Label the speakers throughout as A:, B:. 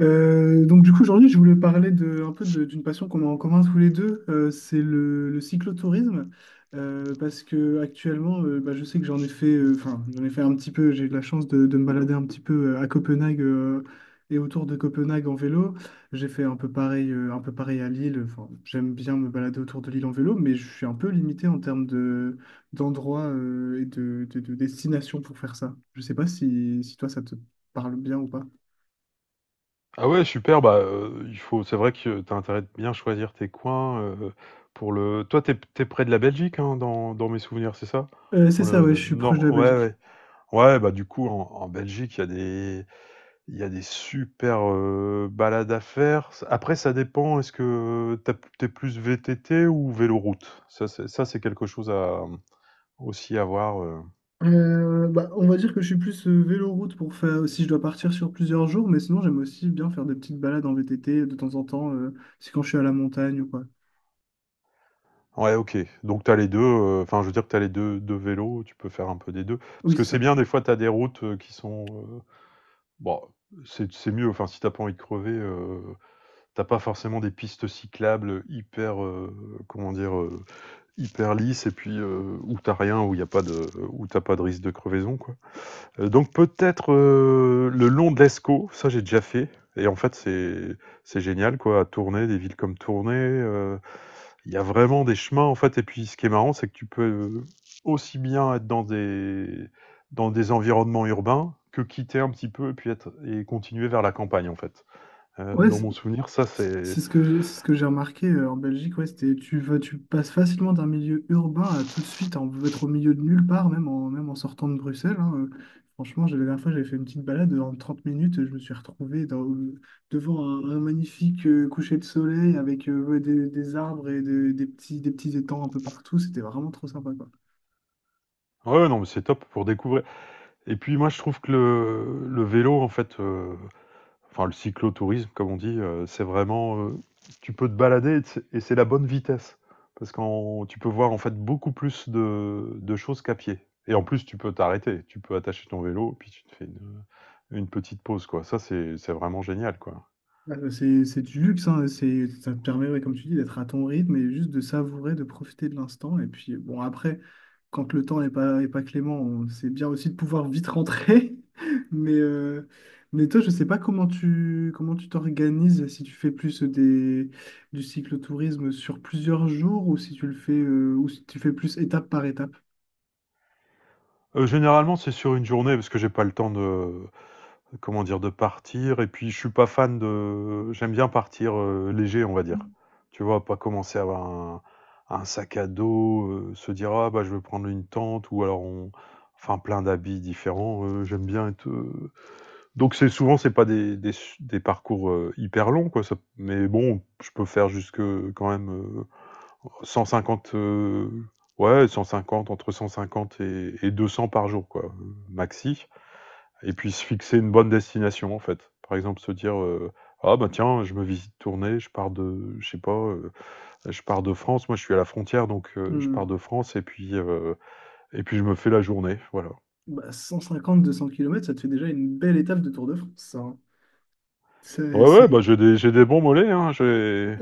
A: Donc du coup aujourd'hui je voulais parler un peu d'une passion qu'on a en commun tous les deux, c'est le cyclotourisme. Parce que actuellement bah, je sais que j'en ai fait, enfin j'en ai fait un petit peu. J'ai eu la chance de me balader un petit peu à Copenhague et autour de Copenhague en vélo. J'ai fait un peu pareil à Lille. Enfin, j'aime bien me balader autour de Lille en vélo, mais je suis un peu limité en termes de d'endroits et de destinations pour faire ça. Je sais pas si, si toi ça te parle bien ou pas.
B: Ah ouais, super, bah, il faut c'est vrai que tu as intérêt de bien choisir tes coins, pour le toi, t'es es près de la Belgique, hein, dans mes souvenirs, c'est ça?
A: C'est
B: Dans
A: ça,
B: le
A: ouais,
B: de
A: je suis proche de
B: nord,
A: la
B: ouais,
A: Belgique.
B: ouais. Ouais, bah, du coup, en Belgique, il y a des super, balades à faire. Après, ça dépend, est-ce que tu as p tu es plus VTT ou véloroute? Ça, c'est quelque chose à, aussi à voir,
A: Bah, on va dire que je suis plus véloroute pour faire si je dois partir sur plusieurs jours, mais sinon j'aime aussi bien faire des petites balades en VTT de temps en temps, c'est quand je suis à la montagne ou quoi.
B: ouais, OK. Donc tu as les 2. Enfin je veux dire que tu as les deux 2 vélos, tu peux faire un peu des 2. Parce
A: Oui,
B: que
A: c'est
B: c'est
A: ça.
B: bien des fois tu as des routes, qui sont, bon, c'est mieux, enfin si t'as pas envie de crever, tu pas forcément des pistes cyclables, hyper, comment dire? Hyper lisses et puis, où t'as rien, où t'as pas de risque de crevaison, quoi. Donc peut-être, le long de l'Escaut, ça j'ai déjà fait, et en fait c'est génial quoi, à Tournai, des villes comme Tournai, il y a vraiment des chemins en fait. Et puis ce qui est marrant, c'est que tu peux aussi bien être dans des, dans des environnements urbains que quitter un petit peu et puis être et continuer vers la campagne en fait. Euh,
A: Ouais,
B: dans
A: c'est-
B: mon souvenir, ça c'est
A: C'est ce que j'ai, c'est ce que j'ai remarqué en Belgique, ouais, c'était, tu vas, tu passes facilement d'un milieu urbain à tout de suite en, être au milieu de nulle part, même en, même en sortant de Bruxelles, hein, franchement, la dernière fois, j'avais fait une petite balade en 30 minutes, je me suis retrouvé devant un magnifique coucher de soleil avec ouais, des arbres et des petits étangs un peu partout. C'était vraiment trop sympa, quoi.
B: ouais, non mais c'est top pour découvrir. Et puis moi je trouve que le vélo en fait, enfin le cyclotourisme, comme on dit, c'est vraiment, tu peux te balader et c'est la bonne vitesse. Parce que tu peux voir en fait beaucoup plus de choses qu'à pied. Et en plus, tu peux t'arrêter, tu peux attacher ton vélo, puis tu te fais une petite pause, quoi. Ça, c'est vraiment génial, quoi.
A: Ah, c'est du luxe, hein, c'est, ça te permet, ouais, comme tu dis, d'être à ton rythme et juste de savourer, de profiter de l'instant. Et puis, bon, après, quand le temps n'est pas, est pas clément, c'est bien aussi de pouvoir vite rentrer. Mais, euh, mais toi, je sais pas comment tu, comment tu t'organises, si tu fais plus du cyclotourisme sur plusieurs jours ou si tu le fais, ou si tu fais plus étape par étape.
B: Généralement, c'est sur une journée, parce que j'ai pas le temps de. Comment dire? De partir, et puis je suis pas fan de, j'aime bien partir, léger, on va dire. Tu vois? Pas commencer à avoir un sac à dos, se dire: «Ah bah, je vais prendre une tente», ou alors on enfin plein d'habits différents, j'aime bien être, donc c'est souvent c'est pas des des su des parcours, hyper longs quoi, ça mais bon, je peux faire jusque quand même, 150, ouais, 150, entre 150 et 200 par jour quoi, maxi. Et puis se fixer une bonne destination, en fait. Par exemple, se dire, «Ah bah tiens, je me visite tournée, je pars de, je sais pas, je pars de France». Moi, je suis à la frontière, donc je pars
A: Hmm.
B: de France, et puis je me fais la journée, voilà.
A: Bah, 200 kilomètres, ça te fait déjà une belle étape de Tour de France, ça, hein. C'est,
B: Ouais, ouais,
A: c'est-
B: bah, j'ai des bons mollets, hein,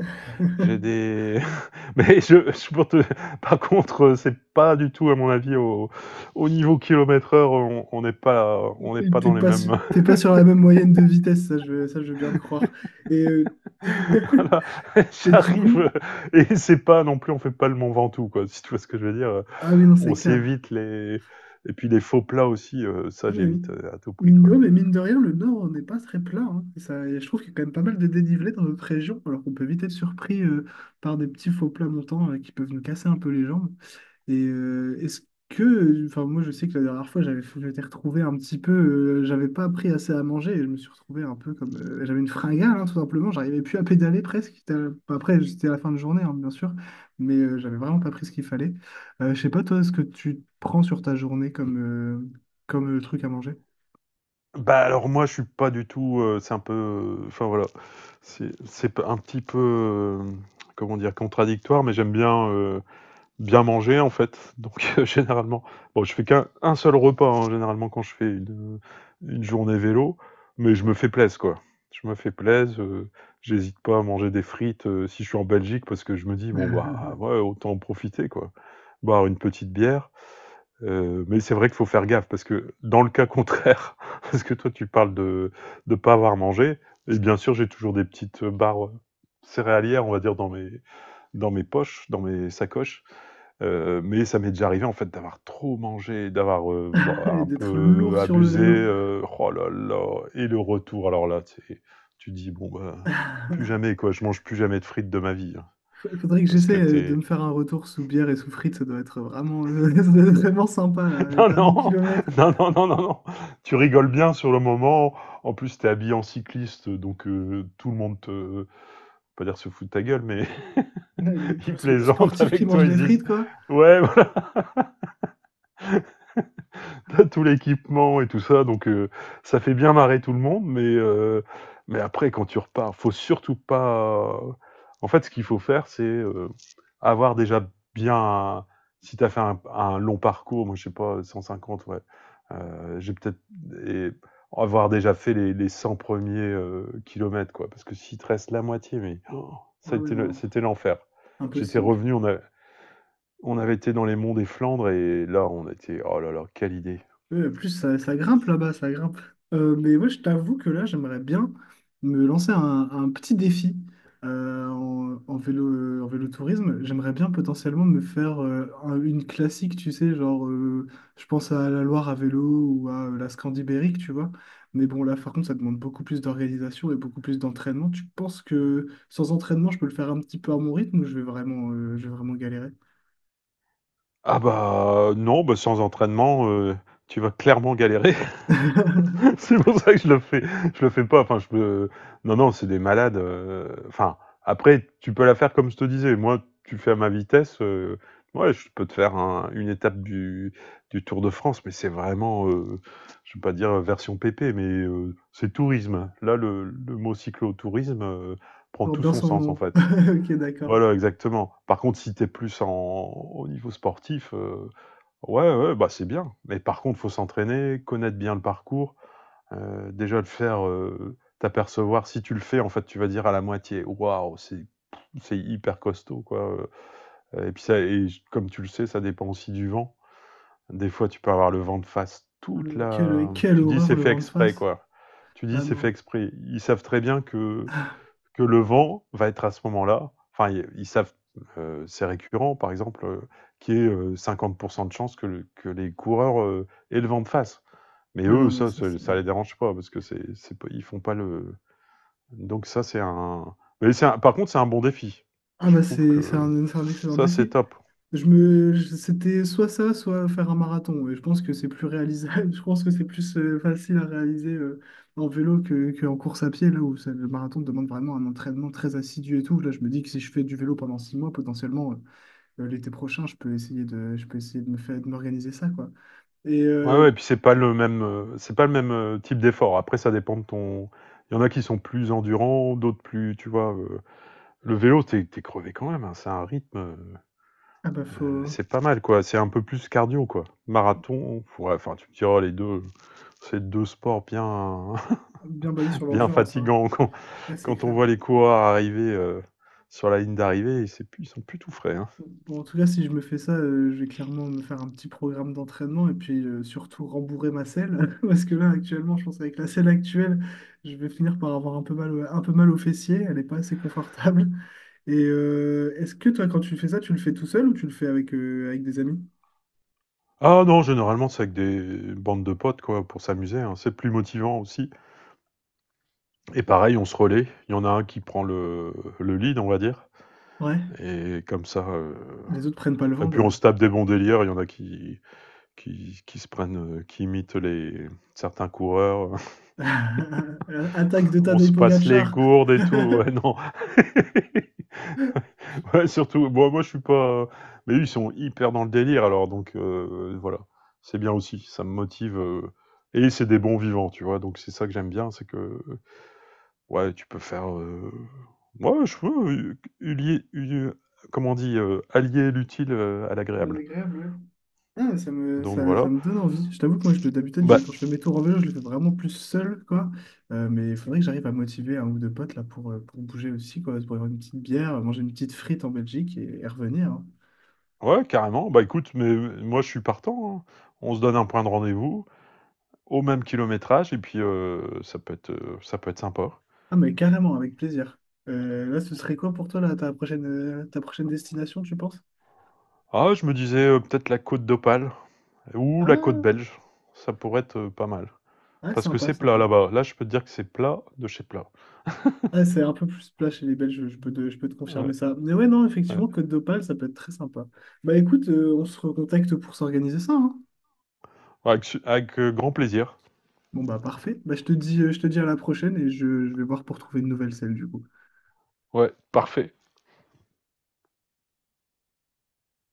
B: j'ai des mais je pour te par contre, c'est pas du tout, à mon avis, au niveau kilomètre heure, on n'est pas dans les mêmes.
A: T'es pas sur la même moyenne de vitesse, ça ça, je veux bien te croire. Et,
B: Voilà,
A: et du
B: j'arrive,
A: coup,
B: et c'est pas non plus, on fait pas le Mont Ventoux quoi, si tu vois ce que je veux dire,
A: ah oui, non,
B: on
A: c'est clair.
B: s'évite les et puis les faux plats aussi, ça
A: Ah, mais,
B: j'évite, à tout prix
A: mine de, ouais,
B: quoi.
A: mais mine de rien, le Nord n'est pas très plat, hein. Et ça, et je trouve qu'il y a quand même pas mal de dénivelé dans notre région, alors qu'on peut vite être surpris par des petits faux plats montants qui peuvent nous casser un peu les jambes. Et est-ce que, enfin moi je sais que la dernière fois j'étais retrouvé un petit peu, j'avais pas appris assez à manger et je me suis retrouvé un peu comme, j'avais une fringale hein, tout simplement, j'arrivais plus à pédaler presque. Après c'était à la fin de journée hein, bien sûr, mais j'avais vraiment pas pris ce qu'il fallait. Je sais pas toi ce que tu prends sur ta journée comme truc à manger.
B: Bah, alors moi je suis pas du tout, c'est un peu, enfin voilà, c'est un petit peu, comment dire? Contradictoire, mais j'aime bien manger en fait. Donc généralement, bon, je fais qu'un seul repas hein, généralement quand je fais une journée vélo, mais je me fais plaisir quoi. Je me fais plaisir, j'hésite pas à manger des frites, si je suis en Belgique parce que je me dis bon bah ouais, autant en profiter quoi. Boire une petite bière. Mais c'est vrai qu'il faut faire gaffe parce que dans le cas contraire, parce que toi tu parles de pas avoir mangé, et bien sûr j'ai toujours des petites barres céréalières, on va dire, dans mes poches, dans mes sacoches. Mais ça m'est déjà arrivé en fait d'avoir trop mangé, d'avoir, bah,
A: Et
B: un
A: d'être
B: peu
A: lourd sur le
B: abusé,
A: vélo.
B: oh là là, et le retour alors là, c'est, tu dis: «Bon bah, plus jamais quoi, je mange plus jamais de frites de ma vie, hein».
A: Faudrait que
B: Parce que
A: j'essaie de
B: t'es
A: me faire un retour sous bière et sous frites, ça doit être vraiment, ça doit être vraiment sympa là, les
B: non,
A: derniers
B: non,
A: kilomètres.
B: non, non, non, non, non, tu rigoles bien sur le moment, en plus t'es habillé en cycliste, donc tout le monde te, pas dire se fout de ta gueule, mais
A: Ouais,
B: ils
A: le
B: plaisantent
A: sportif qui
B: avec
A: mange
B: toi, ils
A: des
B: disent:
A: frites, quoi.
B: «Ouais, t'as tout l'équipement et tout ça», donc ça fait bien marrer tout le monde, mais après, quand tu repars, faut surtout pas. En fait, ce qu'il faut faire, c'est, avoir déjà bien. Si t'as fait un long parcours, moi je sais pas, 150, ouais, j'ai peut-être. Et avoir déjà fait les 100 premiers kilomètres, quoi, parce que s'il te reste la moitié, mais oh,
A: Ah
B: ça a
A: ouais,
B: été
A: non,
B: c'était l'enfer. J'étais
A: impossible.
B: revenu, on avait été dans les monts des Flandres, et là, on était. Oh là là, quelle idée!
A: Ouais, en plus, ça grimpe là-bas, ça grimpe. Mais ouais, je t'avoue que là, j'aimerais bien me lancer un petit défi en vélo, en vélotourisme. J'aimerais bien potentiellement me faire une classique, tu sais, genre, je pense à la Loire à vélo ou à la Scandibérique, tu vois. Mais bon, là, par contre, ça demande beaucoup plus d'organisation et beaucoup plus d'entraînement. Tu penses que sans entraînement, je peux le faire un petit peu à mon rythme ou je vais vraiment galérer?
B: Ah bah, non, bah, sans entraînement, tu vas clairement galérer. C'est pour ça que je le fais pas. Enfin, non, non, c'est des malades. Enfin après, tu peux la faire comme je te disais. Moi, tu fais à ma vitesse. Ouais je peux te faire une étape du Tour de France, mais c'est vraiment, je ne vais pas dire version pépé, mais c'est tourisme. Là, le mot cyclotourisme, prend
A: Porte
B: tout
A: bien
B: son
A: son
B: sens en
A: nom.
B: fait.
A: Ok, d'accord.
B: Voilà, exactement. Par contre, si t'es plus au niveau sportif, ouais, ouais, bah c'est bien. Mais par contre, faut s'entraîner, connaître bien le parcours, déjà le faire, t'apercevoir, si tu le fais, en fait, tu vas dire à la moitié, waouh, c'est hyper costaud quoi. Et puis ça, et comme tu le sais, ça dépend aussi du vent. Des fois, tu peux avoir le vent de face toute la.
A: Quelle
B: Tu dis
A: horreur
B: c'est
A: le
B: fait
A: vent de
B: exprès
A: face.
B: quoi. Tu dis
A: Ah
B: c'est fait
A: non.
B: exprès. Ils savent très bien que le vent va être à ce moment-là. Enfin, ils savent. C'est récurrent, par exemple, qui est 50% de chance que, que les coureurs, aient le vent de face. Mais
A: Ouais, non,
B: eux,
A: mais
B: ça,
A: ça,
B: ça,
A: c'est.
B: ça les dérange pas parce que c'est pas- ils font pas le. Donc ça, c'est un. Mais c'est par contre, c'est un bon défi.
A: Ah
B: Je
A: bah,
B: trouve que
A: c'est un excellent
B: ça, c'est
A: défi.
B: top.
A: C'était soit ça, soit faire un marathon. Et je pense que c'est plus réalisable. Je pense que c'est plus facile à réaliser en vélo que en course à pied, le marathon demande vraiment un entraînement très assidu et tout. Là, je me dis que si je fais du vélo pendant 6 mois, potentiellement, l'été prochain, je peux essayer je peux essayer de me faire, de m'organiser ça, quoi. Et,
B: Ouais, ouais. Et puis c'est pas le même, c'est pas le même, type d'effort. Après, ça dépend de ton. Il y en a qui sont plus endurants, d'autres plus, tu vois. Le vélo, t'es crevé quand même, hein. C'est un rythme,
A: ah bah faut...
B: c'est pas mal, quoi. C'est un peu plus cardio, quoi. Marathon, ouais. Enfin, tu me diras les deux, c'est deux sports bien,
A: Bien basé sur
B: bien
A: l'endurance, hein.
B: fatigants, quoi.
A: Là, c'est
B: Quand on
A: clair.
B: voit les coureurs arriver, sur la ligne d'arrivée, ils sont plus tout frais, hein.
A: Bon, en tout cas, si je me fais ça, je vais clairement me faire un petit programme d'entraînement et puis surtout rembourrer ma selle. Parce que là, actuellement, je pense qu'avec la selle actuelle, je vais finir par avoir un peu mal, un peu mal aux fessiers. Elle n'est pas assez confortable. Et est-ce que toi, quand tu fais ça, tu le fais tout seul ou tu le fais avec, avec des amis?
B: Ah non, généralement c'est avec des bandes de potes quoi pour s'amuser, hein. C'est plus motivant aussi. Et pareil, on se relaie. Il y en a un qui prend le lead, on va dire.
A: Ouais,
B: Et comme ça,
A: les autres prennent pas le
B: et
A: vent,
B: puis
A: quoi.
B: on se tape des bons délires. Il y en a qui se prennent, qui imitent les certains coureurs.
A: Attaque de
B: On
A: Tadej
B: se passe les
A: Pogacar.
B: gourdes et tout. Ouais, non, ouais, surtout, bon, moi je suis pas. Mais eux, ils sont hyper dans le délire alors, donc voilà, c'est bien aussi, ça me motive. Et c'est des bons vivants, tu vois, donc c'est ça que j'aime bien, c'est que, ouais, tu peux faire. Ouais je veux, comment on dit, allier l'utile, à l'agréable.
A: Agréable, ouais. Ah, ça me,
B: Donc
A: ça
B: voilà.
A: me donne envie. Je t'avoue que moi, je, d'habitude,
B: Bah,
A: quand je fais mes tours en vélo, je le fais vraiment plus seul, quoi. Mais il faudrait que j'arrive à motiver un ou deux potes là, pour bouger aussi, quoi. Pour avoir une petite bière, manger une petite frite en Belgique et revenir, hein.
B: ouais, carrément. Bah écoute, mais moi je suis partant, hein. On se donne un point de rendez-vous au même kilométrage et puis ça peut être sympa.
A: Ah, mais carrément, avec plaisir. Là, ce serait quoi pour toi, là, ta prochaine destination, tu penses?
B: Ah, je me disais peut-être la Côte d'Opale. Ou la côte
A: Ah,
B: belge, ça pourrait être pas mal.
A: ah,
B: Parce que
A: sympa,
B: c'est plat
A: sympa.
B: là-bas. Là, je peux te dire que c'est plat de chez plat.
A: Ah, c'est un peu plus plat chez les Belges, je peux te confirmer
B: Ouais,
A: ça. Mais ouais, non,
B: ouais.
A: effectivement, Côte d'Opale, ça peut être très sympa. Bah écoute, on se recontacte pour s'organiser ça, hein.
B: Ouais, avec, grand plaisir.
A: Bon bah parfait. Bah, je te dis à la prochaine et je vais voir pour trouver une nouvelle selle du coup.
B: Ouais, parfait.